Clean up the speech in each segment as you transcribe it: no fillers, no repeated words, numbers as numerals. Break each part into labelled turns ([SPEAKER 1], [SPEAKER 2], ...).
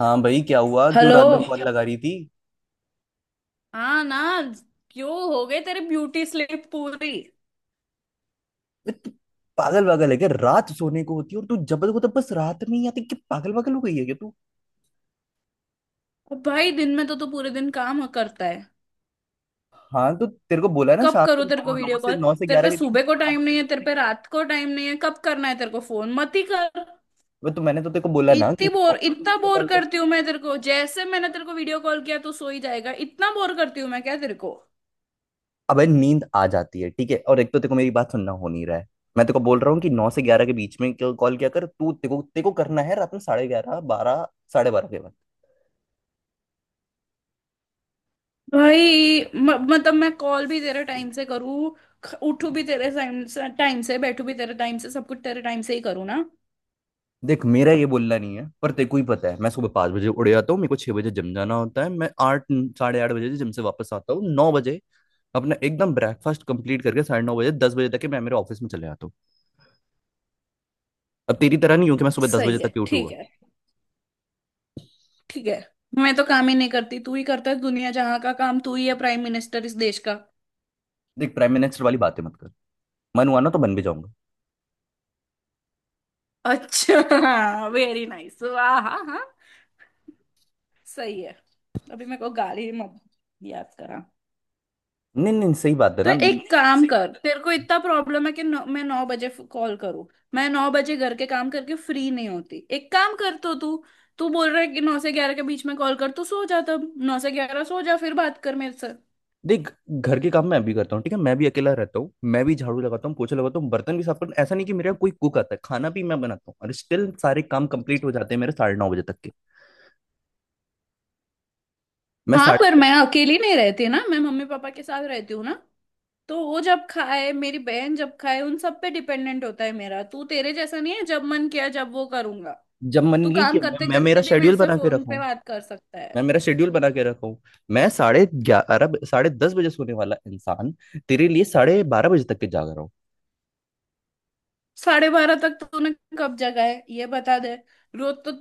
[SPEAKER 1] हाँ भाई, क्या हुआ? क्यों
[SPEAKER 2] हेलो।
[SPEAKER 1] रात भर कॉल लगा रही थी?
[SPEAKER 2] हाँ ना। क्यों हो गए तेरे ब्यूटी स्लीप पूरी?
[SPEAKER 1] बे, तू पागल पागल है क्या? रात सोने को होती है और तू जबल को तो बस रात में ही आती। क्या पागल पागल हो गई है क्या तू?
[SPEAKER 2] अब भाई दिन में तो तू पूरे दिन काम करता है।
[SPEAKER 1] हाँ, तो तेरे को बोला ना,
[SPEAKER 2] कब
[SPEAKER 1] शाम को
[SPEAKER 2] करो तेरे को
[SPEAKER 1] नौ
[SPEAKER 2] वीडियो कॉल?
[SPEAKER 1] नौ से
[SPEAKER 2] तेरे
[SPEAKER 1] 11
[SPEAKER 2] पे
[SPEAKER 1] के बीच।
[SPEAKER 2] सुबह को टाइम नहीं है, तेरे पे रात को टाइम नहीं है, कब करना है तेरे को? फोन मत ही कर।
[SPEAKER 1] बे, तो मैंने तो तेरे को बोला ना कि
[SPEAKER 2] इतनी
[SPEAKER 1] नौ
[SPEAKER 2] बोर, इतना
[SPEAKER 1] को
[SPEAKER 2] बोर
[SPEAKER 1] कॉल कर।
[SPEAKER 2] करती हूँ मैं तेरे को? जैसे मैंने तेरे को वीडियो कॉल किया तो सो ही जाएगा। इतना बोर करती हूँ मैं क्या तेरे को?
[SPEAKER 1] अबे, नींद आ जाती है ठीक है। और एक तो तेरे को मेरी बात सुनना हो नहीं रहा है। मैं तेरे को बोल रहा हूँ कि नौ से 11 के बीच में क्यों कॉल किया कर। तू तेरे को करना है रात में 11:30, 12, 12:30 के बाद।
[SPEAKER 2] भाई मतलब मैं कॉल भी तेरे टाइम से करूँ, उठू भी तेरे टाइम से, टाइम से बैठू भी तेरे टाइम से, सब कुछ तेरे टाइम से ही करूँ ना?
[SPEAKER 1] देख, मेरा ये बोलना नहीं है, पर तेको ही पता है मैं सुबह 5 बजे उड़ जाता हूँ। मेरे को 6 बजे जिम जाना होता है। मैं आठ, 8:30 बजे जिम से वापस आता हूँ। 9 बजे अपना एकदम ब्रेकफास्ट कंप्लीट करके 9:30 बजे, 10 बजे तक के मैं मेरे ऑफिस में चले जाता हूँ। अब तेरी तरह नहीं हूँ कि मैं सुबह 10 बजे
[SPEAKER 2] सही है।
[SPEAKER 1] तक ही
[SPEAKER 2] ठीक
[SPEAKER 1] उठूंगा।
[SPEAKER 2] है। ठीक है। मैं तो काम ही नहीं करती, तू ही करता है दुनिया जहां का काम। तू ही है प्राइम मिनिस्टर इस देश का।
[SPEAKER 1] देख, प्राइम मिनिस्टर वाली बातें मत कर। मन हुआ ना तो बन भी जाऊंगा।
[SPEAKER 2] अच्छा, वेरी नाइस, वाह। हाँ हाँ, सही है। अभी मेरे को गाली मत याद करा।
[SPEAKER 1] नहीं नहीं, सही बात है
[SPEAKER 2] तो
[SPEAKER 1] ना।
[SPEAKER 2] एक काम कर, तेरे को इतना प्रॉब्लम है कि 9, मैं 9 बजे कॉल करूँ? मैं नौ बजे घर के काम करके फ्री नहीं होती। एक काम कर तो तू, तू बोल रहा है कि 9 से 11 के बीच में कॉल कर, तो सो जा तब। 9 से 11 सो जा, फिर बात कर मेरे से।
[SPEAKER 1] देख, घर के काम मैं भी करता हूँ, ठीक है। मैं भी अकेला रहता हूँ, मैं भी झाड़ू लगाता हूँ, पोछा लगाता हूँ, बर्तन भी साफ करता हूँ। ऐसा नहीं कि मेरा कोई कुक आता है, खाना भी मैं बनाता हूँ। और स्टिल सारे काम कंप्लीट हो जाते हैं मेरे, 9:30 बजे तक के। मैं
[SPEAKER 2] हाँ
[SPEAKER 1] साढ़े
[SPEAKER 2] पर मैं अकेली नहीं रहती ना, मैं मम्मी पापा के साथ रहती हूँ ना। तो वो जब खाए, मेरी बहन जब खाए, उन सब पे डिपेंडेंट होता है मेरा। तू तेरे जैसा नहीं है, जब मन किया जब वो करूंगा।
[SPEAKER 1] जब मन
[SPEAKER 2] तू
[SPEAKER 1] नहीं किया,
[SPEAKER 2] काम
[SPEAKER 1] मैं,
[SPEAKER 2] करते
[SPEAKER 1] मैं मेरा
[SPEAKER 2] करते भी मेरे
[SPEAKER 1] शेड्यूल
[SPEAKER 2] से
[SPEAKER 1] बना के
[SPEAKER 2] फोन
[SPEAKER 1] रखा
[SPEAKER 2] पे
[SPEAKER 1] हूँ।
[SPEAKER 2] बात कर सकता है।
[SPEAKER 1] मैं मेरा शेड्यूल बना के रखा हूँ। मैं 11:30, 10:30 बजे सोने वाला इंसान, तेरे लिए 12:30 बजे तक के जाग रहा हूँ।
[SPEAKER 2] साढ़े बारह तक तूने कब जगा है ये बता दे। रोज तो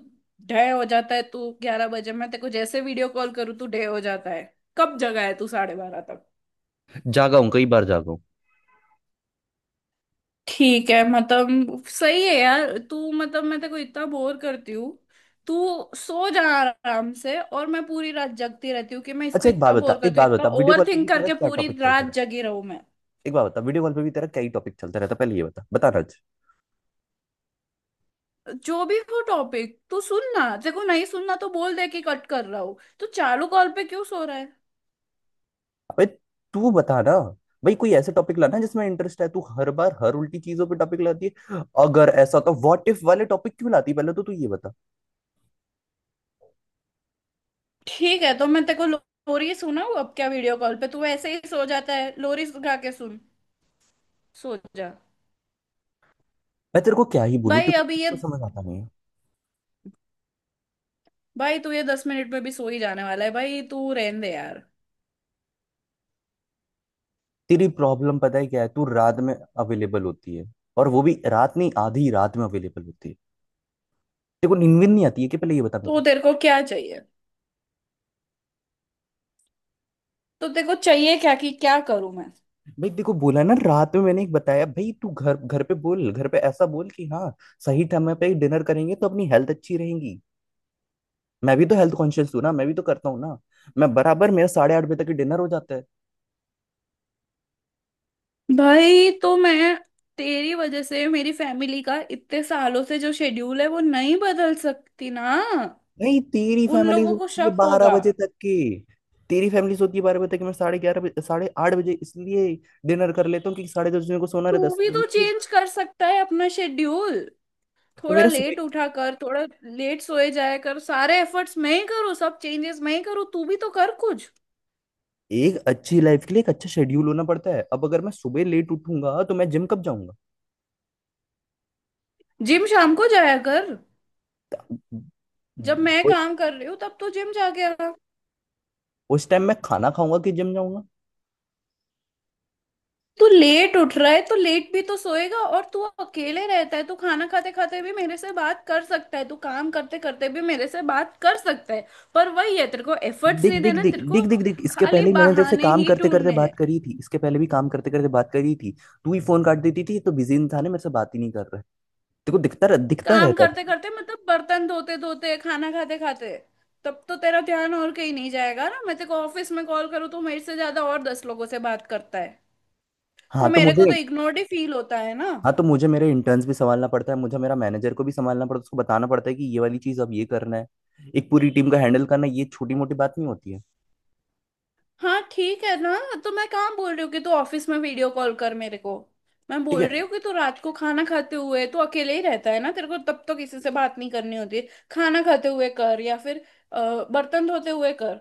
[SPEAKER 2] ढे हो जाता है तू। 11 बजे मैं तेरे को जैसे वीडियो कॉल करूँ, तू ढे हो जाता है। कब जगा है तू 12:30 तक?
[SPEAKER 1] जागा हूँ, कई बार जागा हूँ।
[SPEAKER 2] ठीक है मतलब सही है यार। तू मतलब मैं तेरे को इतना बोर करती हूँ? तू सो जा आराम से, और मैं पूरी रात जगती रहती हूँ कि मैं इसको
[SPEAKER 1] अच्छा, एक
[SPEAKER 2] इतना
[SPEAKER 1] बात बता,
[SPEAKER 2] बोर
[SPEAKER 1] एक
[SPEAKER 2] करती हूँ।
[SPEAKER 1] बात
[SPEAKER 2] इतना
[SPEAKER 1] बता, वीडियो
[SPEAKER 2] ओवर
[SPEAKER 1] कॉल पे भी
[SPEAKER 2] थिंक
[SPEAKER 1] तेरा
[SPEAKER 2] करके
[SPEAKER 1] क्या
[SPEAKER 2] पूरी
[SPEAKER 1] टॉपिक चलता
[SPEAKER 2] रात
[SPEAKER 1] रहता।
[SPEAKER 2] जगी रहूं मैं।
[SPEAKER 1] एक बात बता, वीडियो कॉल पे भी तेरा क्या ही टॉपिक चलता रहता। पहले ये बता, बताना आज।
[SPEAKER 2] जो भी हो टॉपिक, तू सुन ना। तेरे को नहीं सुनना तो बोल दे कि कट कर रहा हूँ। तू चालू कॉल पे क्यों सो रहा है?
[SPEAKER 1] अबे, तू बता ना। भाई, कोई ऐसे टॉपिक लाना जिसमें इंटरेस्ट है। तू हर बार हर उल्टी चीजों पे टॉपिक लाती है। अगर ऐसा, तो व्हाट इफ वाले टॉपिक क्यों लाती है? पहले तो तू ये बता।
[SPEAKER 2] ठीक है, तो मैं तेरे को लोरी सुनाऊँ अब क्या? वीडियो कॉल पे तू ऐसे ही सो जाता है, लोरी गा के सुन। सो जा।
[SPEAKER 1] मैं तेरे को क्या ही बोलूं,
[SPEAKER 2] भाई
[SPEAKER 1] तेरे को
[SPEAKER 2] अभी
[SPEAKER 1] कुछ
[SPEAKER 2] ये,
[SPEAKER 1] तो समझ आता नहीं है।
[SPEAKER 2] भाई तू ये 10 मिनट में भी सो ही जाने वाला है, भाई तू रहने दे यार।
[SPEAKER 1] तेरी प्रॉब्लम पता है क्या है? तू रात में अवेलेबल होती है, और वो भी रात नहीं, आधी रात में अवेलेबल होती है। देखो, नींद वींद नहीं आती है कि, पहले ये बता
[SPEAKER 2] तो
[SPEAKER 1] मुझे।
[SPEAKER 2] तेरे को क्या चाहिए? तो तेरे को चाहिए क्या, कि क्या करूं मैं?
[SPEAKER 1] भाई देखो, बोला ना, रात में मैंने एक बताया। भाई, तू घर, घर पे बोल, घर पे ऐसा बोल कि हाँ, सही समय पे डिनर करेंगे तो अपनी हेल्थ अच्छी रहेगी। मैं भी तो हेल्थ कॉन्शियस हूँ ना, मैं भी तो करता हूँ ना। मैं बराबर मेरा 8:30 बजे तक डिनर हो जाता है।
[SPEAKER 2] भाई तो मैं तेरी वजह से मेरी फैमिली का इतने सालों से जो शेड्यूल है वो नहीं बदल सकती ना।
[SPEAKER 1] नहीं, तेरी
[SPEAKER 2] उन
[SPEAKER 1] फैमिली
[SPEAKER 2] लोगों को
[SPEAKER 1] सोती है
[SPEAKER 2] शक
[SPEAKER 1] बारह
[SPEAKER 2] होगा।
[SPEAKER 1] बजे तक की। तेरी फैमिली सोती है बारह बजे तक की, मैं 11:30 बजे, 8:30 बजे इसलिए डिनर कर लेता हूँ क्योंकि साढ़े दस बजे मेरे को सोना
[SPEAKER 2] तू
[SPEAKER 1] रहता है,
[SPEAKER 2] भी
[SPEAKER 1] सोने
[SPEAKER 2] तो
[SPEAKER 1] के।
[SPEAKER 2] चेंज कर सकता है अपना शेड्यूल।
[SPEAKER 1] तो
[SPEAKER 2] थोड़ा
[SPEAKER 1] मेरा सुबह,
[SPEAKER 2] लेट उठा कर, थोड़ा लेट सोए जाया कर। सारे एफर्ट्स मैं ही करूँ, सब चेंजेस मैं ही करूँ, तू भी तो कर कुछ।
[SPEAKER 1] एक अच्छी लाइफ के लिए एक अच्छा शेड्यूल होना पड़ता है। अब अगर मैं सुबह लेट उठूंगा तो मैं जिम कब जाऊंगा?
[SPEAKER 2] जिम शाम को जाया कर। जब मैं
[SPEAKER 1] वो-
[SPEAKER 2] काम कर रही हूँ तब तू जिम जाके आ।
[SPEAKER 1] उस टाइम मैं खाना खाऊंगा कि जिम जाऊंगा?
[SPEAKER 2] तू लेट उठ रहा है तो लेट भी तो सोएगा, और तू अकेले रहता है, तू खाना खाते खाते भी मेरे से बात कर सकता है, तू काम करते करते भी मेरे से बात कर सकता है। पर वही है, तेरे को एफर्ट्स
[SPEAKER 1] देख
[SPEAKER 2] नहीं
[SPEAKER 1] देख
[SPEAKER 2] देना
[SPEAKER 1] देख
[SPEAKER 2] तेरे को।
[SPEAKER 1] देख देख देख, इसके
[SPEAKER 2] खाली
[SPEAKER 1] पहले ही मैंने तेरे से
[SPEAKER 2] बहाने
[SPEAKER 1] काम
[SPEAKER 2] ही
[SPEAKER 1] करते करते
[SPEAKER 2] ढूंढने हैं।
[SPEAKER 1] बात करी थी। इसके पहले भी काम करते करते बात करी थी। तू ही फोन काट देती थी, ये तो बिजी इंसान है, मेरे से बात ही नहीं कर रहा है। देखो, दिखता
[SPEAKER 2] काम
[SPEAKER 1] रहता
[SPEAKER 2] करते
[SPEAKER 1] था।
[SPEAKER 2] करते मतलब बर्तन धोते धोते, खाना खाते खाते, तब तो तेरा ध्यान और कहीं नहीं जाएगा ना। मैं तेरे को ऑफिस में कॉल करूँ तो मेरे से ज्यादा और 10 लोगों से बात करता है।
[SPEAKER 1] हाँ
[SPEAKER 2] तो
[SPEAKER 1] तो
[SPEAKER 2] मेरे को
[SPEAKER 1] मुझे
[SPEAKER 2] तो इग्नोर्ड ही फील होता है ना।
[SPEAKER 1] हाँ तो मुझे मेरे इंटर्न्स भी संभालना पड़ता है, मुझे मेरा मैनेजर को भी संभालना पड़ता है, उसको बताना पड़ता है कि ये वाली चीज अब ये करना है। एक पूरी टीम का हैंडल करना है, ये छोटी मोटी बात नहीं होती है।
[SPEAKER 2] हाँ, ठीक है ना। तो मैं कहाँ बोल रही हूँ कि तू ऑफिस में वीडियो कॉल कर मेरे को। मैं
[SPEAKER 1] ठीक
[SPEAKER 2] बोल
[SPEAKER 1] है।
[SPEAKER 2] रही हूँ कि तू रात को खाना खाते हुए, तू अकेले ही रहता है ना, तेरे को तब तो किसी से बात नहीं करनी होती। खाना खाते हुए कर, या फिर बर्तन धोते हुए कर।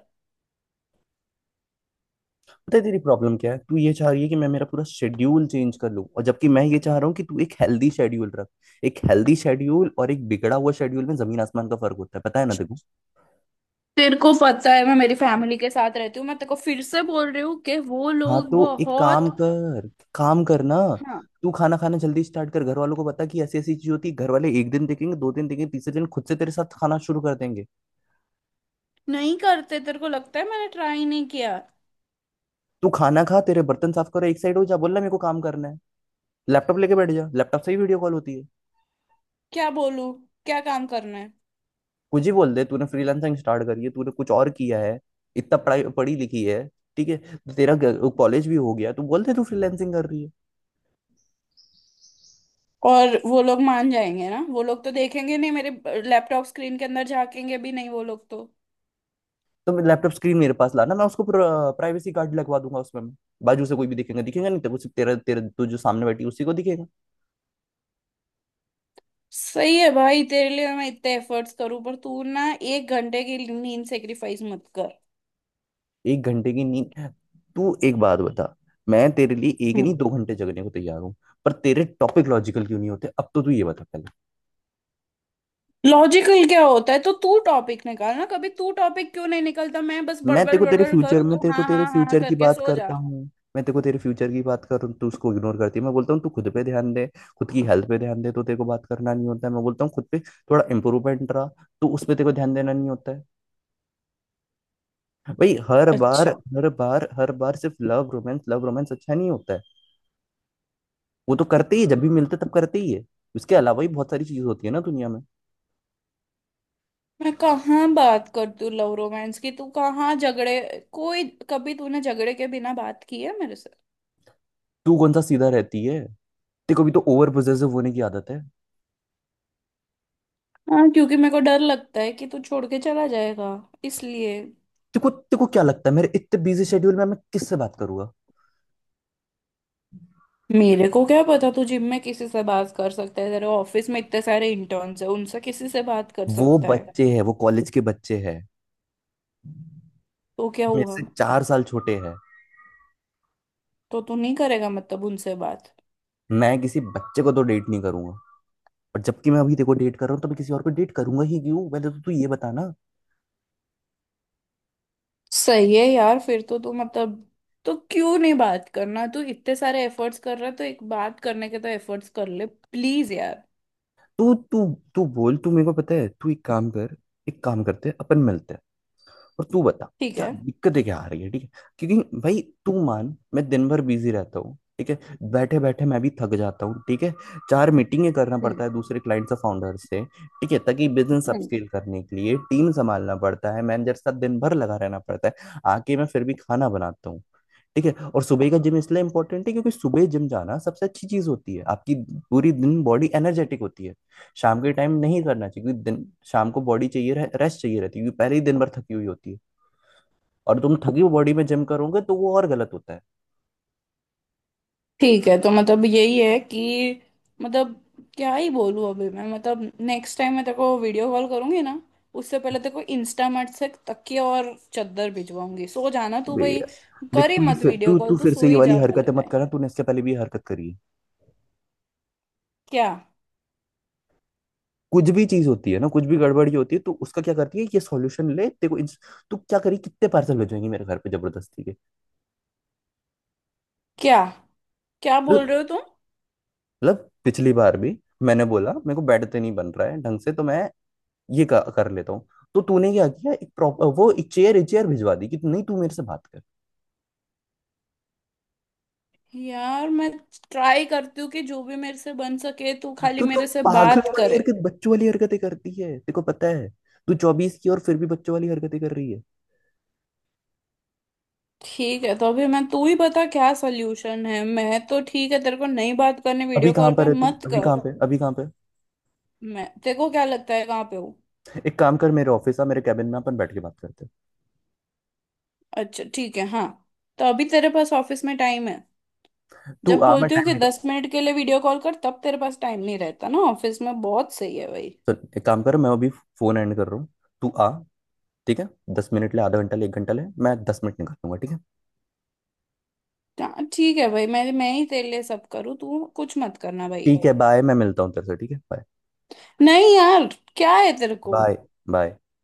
[SPEAKER 1] पता है तेरी प्रॉब्लम क्या है? तू ये चाह रही है कि मैं मेरा पूरा शेड्यूल चेंज कर लूं, और जबकि मैं ये चाह रहा हूँ कि तू एक हेल्दी शेड्यूल रख। एक हेल्दी शेड्यूल और एक बिगड़ा हुआ शेड्यूल में जमीन आसमान का फर्क होता है, पता है ना? देखो,
[SPEAKER 2] तेरे को पता है मैं मेरी फैमिली के साथ रहती हूँ, मैं तेरे को फिर से बोल रही हूँ कि वो
[SPEAKER 1] हाँ,
[SPEAKER 2] लोग
[SPEAKER 1] तो एक
[SPEAKER 2] बहुत।
[SPEAKER 1] काम कर, काम करना।
[SPEAKER 2] हाँ।
[SPEAKER 1] तू खाना खाना जल्दी स्टार्ट कर, घर वालों को बता कि ऐसी ऐसी चीज होती है। घर वाले एक दिन देखेंगे, दो दिन देखेंगे, तीसरे दिन खुद से तेरे साथ खाना शुरू कर देंगे।
[SPEAKER 2] नहीं करते, तेरे को लगता है मैंने ट्राई नहीं किया?
[SPEAKER 1] तू खाना खा, तेरे बर्तन साफ करो, एक साइड हो जा, बोलना मेरे को काम करना है। लैपटॉप लेके बैठ जा, लैपटॉप से ही वीडियो कॉल होती है।
[SPEAKER 2] क्या बोलूँ? क्या काम करना है?
[SPEAKER 1] कुछ ही बोल दे, तूने फ्रीलांसिंग स्टार्ट करी है, तूने कुछ और किया है, इतना पढ़ाई पढ़ी लिखी है। ठीक है, तो तेरा कॉलेज भी हो गया, तू बोल दे तू फ्रीलांसिंग कर रही है।
[SPEAKER 2] और वो लोग मान जाएंगे ना, वो लोग तो देखेंगे नहीं मेरे लैपटॉप स्क्रीन के अंदर, झांकेंगे भी नहीं वो लोग तो।
[SPEAKER 1] तो मैं, लैपटॉप स्क्रीन मेरे पास लाना, मैं उसको प्राइवेसी कार्ड लगवा दूंगा उसमें। मैं बाजू से कोई भी दिखेगा, दिखेगा नहीं तेरे को, सिर्फ तेरा, तेरा, तू जो सामने बैठी है, उसी को दिखेगा।
[SPEAKER 2] सही है भाई, तेरे लिए मैं इतने एफर्ट्स करूं, पर तू ना 1 घंटे की नींद सेक्रीफाइस मत कर।
[SPEAKER 1] एक घंटे की नींद? तू एक बात बता, मैं तेरे लिए एक नहीं
[SPEAKER 2] हम्म।
[SPEAKER 1] 2 घंटे जगने को तैयार हूँ। पर तेरे टॉपिक लॉजिकल क्यों नहीं होते? अब तो तू ये बता पहले।
[SPEAKER 2] लॉजिकल क्या होता है? तो तू टॉपिक निकाल ना कभी, तू टॉपिक क्यों नहीं निकलता? मैं बस
[SPEAKER 1] मैं
[SPEAKER 2] बड़बड़
[SPEAKER 1] तेरे को, तेरे
[SPEAKER 2] बड़बड़
[SPEAKER 1] फ्यूचर
[SPEAKER 2] करूँ,
[SPEAKER 1] में,
[SPEAKER 2] तू
[SPEAKER 1] तेरे को
[SPEAKER 2] हाँ
[SPEAKER 1] तेरे
[SPEAKER 2] हाँ हाँ हाँ
[SPEAKER 1] फ्यूचर की
[SPEAKER 2] करके
[SPEAKER 1] बात
[SPEAKER 2] सो जा।
[SPEAKER 1] करता हूँ। मैं तेरे को तेरे फ्यूचर की बात कर रहा हूँ, तू उसको इग्नोर करती है। मैं बोलता हूँ तू खुद पे ध्यान दे, खुद की हेल्थ पे ध्यान दे, तो तेरे को बात करना नहीं होता है। मैं बोलता हूँ खुद पे थोड़ा इम्प्रूवमेंट रहा, तो उस पे तेरे को ध्यान देना नहीं होता है। भाई, हर बार,
[SPEAKER 2] अच्छा,
[SPEAKER 1] हर बार हर बार सिर्फ लव रोमांस, लव रोमांस अच्छा नहीं होता है। वो तो करते ही है, जब भी मिलते तब करते ही है। उसके अलावा भी बहुत सारी चीज होती है ना दुनिया में।
[SPEAKER 2] मैं कहाँ बात कर तू लव रोमांस की? तू कहाँ झगड़े कोई, कभी तूने झगड़े के बिना बात की है मेरे से?
[SPEAKER 1] तू कौन सा सीधा रहती है? तेरे को भी तो ओवर पोजेसिव होने की आदत है।
[SPEAKER 2] हाँ, क्योंकि मेरे को डर लगता है कि तू छोड़ के चला जाएगा, इसलिए।
[SPEAKER 1] तेरे को क्या लगता है मेरे इतने बिजी शेड्यूल में मैं किससे बात करूंगा?
[SPEAKER 2] मेरे को क्या पता, तू जिम में किसी से बात कर सकता है, तेरे ऑफिस में इतने सारे इंटर्न्स है उनसे किसी से बात कर
[SPEAKER 1] वो
[SPEAKER 2] सकता है।
[SPEAKER 1] बच्चे हैं, वो कॉलेज के बच्चे हैं,
[SPEAKER 2] तो क्या
[SPEAKER 1] मेरे
[SPEAKER 2] हुआ?
[SPEAKER 1] से 4 साल छोटे हैं।
[SPEAKER 2] तो तू नहीं करेगा मतलब उनसे बात?
[SPEAKER 1] मैं किसी बच्चे को तो डेट नहीं करूंगा। और जबकि मैं अभी देखो डेट कर रहा हूँ, तो मैं किसी और को डेट करूंगा ही क्यों? पहले तो तू ये बता ना।
[SPEAKER 2] सही है यार, फिर तो तू मतलब, तो क्यों नहीं बात करना? तू इतने सारे एफर्ट्स कर रहा है, तो एक बात करने के तो एफर्ट्स कर ले प्लीज यार।
[SPEAKER 1] तू तू तू बोल, तू मेरे को पता है, तू एक काम कर, एक काम करते हैं, अपन मिलते हैं। और तू बता
[SPEAKER 2] ठीक
[SPEAKER 1] क्या
[SPEAKER 2] है।
[SPEAKER 1] दिक्कतें क्या आ रही है, ठीक है। क्योंकि भाई तू मान, मैं दिन भर बिजी रहता हूँ, ठीक है। बैठे बैठे मैं भी थक जाता हूँ, ठीक है। 4 मीटिंगें करना
[SPEAKER 2] हम्म।
[SPEAKER 1] पड़ता है दूसरे क्लाइंट्स और फाउंडर से, ठीक है, ताकि बिजनेस
[SPEAKER 2] हम्म।
[SPEAKER 1] अपस्केल करने के लिए टीम संभालना पड़ता है, मैनेजर के साथ दिन भर लगा रहना पड़ता है। आके मैं फिर भी खाना बनाता हूँ, ठीक है। और सुबह का जिम इसलिए इंपॉर्टेंट है क्योंकि सुबह जिम जाना सबसे अच्छी चीज होती है। आपकी पूरी दिन बॉडी एनर्जेटिक होती है। शाम के टाइम नहीं करना चाहिए क्योंकि दिन, शाम को बॉडी चाहिए, रेस्ट चाहिए रहती है क्योंकि पहले ही दिन भर थकी हुई होती है। और तुम थकी हुई बॉडी में जिम करोगे तो वो और गलत होता है।
[SPEAKER 2] ठीक है, तो मतलब यही है कि, मतलब क्या ही बोलूँ अभी मैं। मतलब नेक्स्ट टाइम मैं तेरे को वीडियो कॉल करूंगी ना, उससे पहले तेरे को इंस्टामार्ट से तकिया और चादर भिजवाऊंगी, सो जाना तू
[SPEAKER 1] बे
[SPEAKER 2] भाई।
[SPEAKER 1] यार, देख,
[SPEAKER 2] कर ही
[SPEAKER 1] तू ये
[SPEAKER 2] मत
[SPEAKER 1] फिर
[SPEAKER 2] वीडियो
[SPEAKER 1] तू
[SPEAKER 2] कॉल,
[SPEAKER 1] तू
[SPEAKER 2] तू
[SPEAKER 1] फिर
[SPEAKER 2] सो
[SPEAKER 1] से ये
[SPEAKER 2] ही
[SPEAKER 1] वाली
[SPEAKER 2] जा पूरे
[SPEAKER 1] हरकतें मत
[SPEAKER 2] टाइम।
[SPEAKER 1] करना, तूने इससे पहले भी ये हरकत करी है।
[SPEAKER 2] क्या?
[SPEAKER 1] कुछ भी चीज होती है ना, कुछ भी गड़बड़ी होती है तो उसका क्या करती है ये सॉल्यूशन ले। तू क्या करी? कितने पार्सल भेजेंगी मेरे घर पे जबरदस्ती के?
[SPEAKER 2] क्या? क्या बोल
[SPEAKER 1] मतलब
[SPEAKER 2] रहे हो तुम?
[SPEAKER 1] मतलब पिछली बार भी, मैंने बोला मेरे को बेड पे नहीं बन रहा है ढंग से, तो मैं ये कर लेता हूँ। तो तूने क्या किया? एक प्रॉपर वो, एक चेयर, एक चेयर भिजवा दी कि नहीं, तू मेरे से बात कर।
[SPEAKER 2] यार मैं ट्राई करती हूँ कि जो भी मेरे से बन सके, तू खाली
[SPEAKER 1] तू तो
[SPEAKER 2] मेरे से बात
[SPEAKER 1] पागलों वाली
[SPEAKER 2] करे।
[SPEAKER 1] हरकत, बच्चों वाली हरकतें करती है, तेरे को पता है। तू 24 की, और फिर भी बच्चों वाली हरकतें कर रही है।
[SPEAKER 2] ठीक है, तो अभी मैं, तू ही बता क्या सोल्यूशन है। मैं तो ठीक है, तेरे को नहीं बात करने
[SPEAKER 1] अभी
[SPEAKER 2] वीडियो कॉल
[SPEAKER 1] कहाँ
[SPEAKER 2] पे,
[SPEAKER 1] पर है तू?
[SPEAKER 2] मत
[SPEAKER 1] अभी
[SPEAKER 2] कर।
[SPEAKER 1] कहाँ पे, अभी कहाँ पे?
[SPEAKER 2] मैं तेरे को क्या लगता है कहाँ पे हो?
[SPEAKER 1] एक काम कर, मेरे ऑफिस आ, मेरे कैबिन में अपन बैठ के बात करते हैं।
[SPEAKER 2] अच्छा ठीक है, हाँ। तो अभी तेरे पास ऑफिस में टाइम है?
[SPEAKER 1] तू
[SPEAKER 2] जब
[SPEAKER 1] आ, मैं
[SPEAKER 2] बोलती हूँ
[SPEAKER 1] टाइम
[SPEAKER 2] कि
[SPEAKER 1] निकाल।
[SPEAKER 2] 10 मिनट के लिए वीडियो कॉल कर, तब तेरे पास टाइम नहीं रहता ना ऑफिस में, बहुत सही है भाई।
[SPEAKER 1] सुन, एक काम कर, मैं अभी फोन एंड कर रहा हूँ। तू आ, ठीक है। 10 मिनट ले, आधा घंटा ले, एक घंटा ले, मैं 10 मिनट निकाल लूंगा, ठीक है।
[SPEAKER 2] हाँ ठीक है भाई, मैं ही तेरे लिए सब करूँ, तू कुछ मत करना भाई।
[SPEAKER 1] ठीक है, बाय। मैं मिलता हूँ तेरे से, ठीक है। बाय,
[SPEAKER 2] नहीं यार, क्या है तेरे को?
[SPEAKER 1] Bye, bye.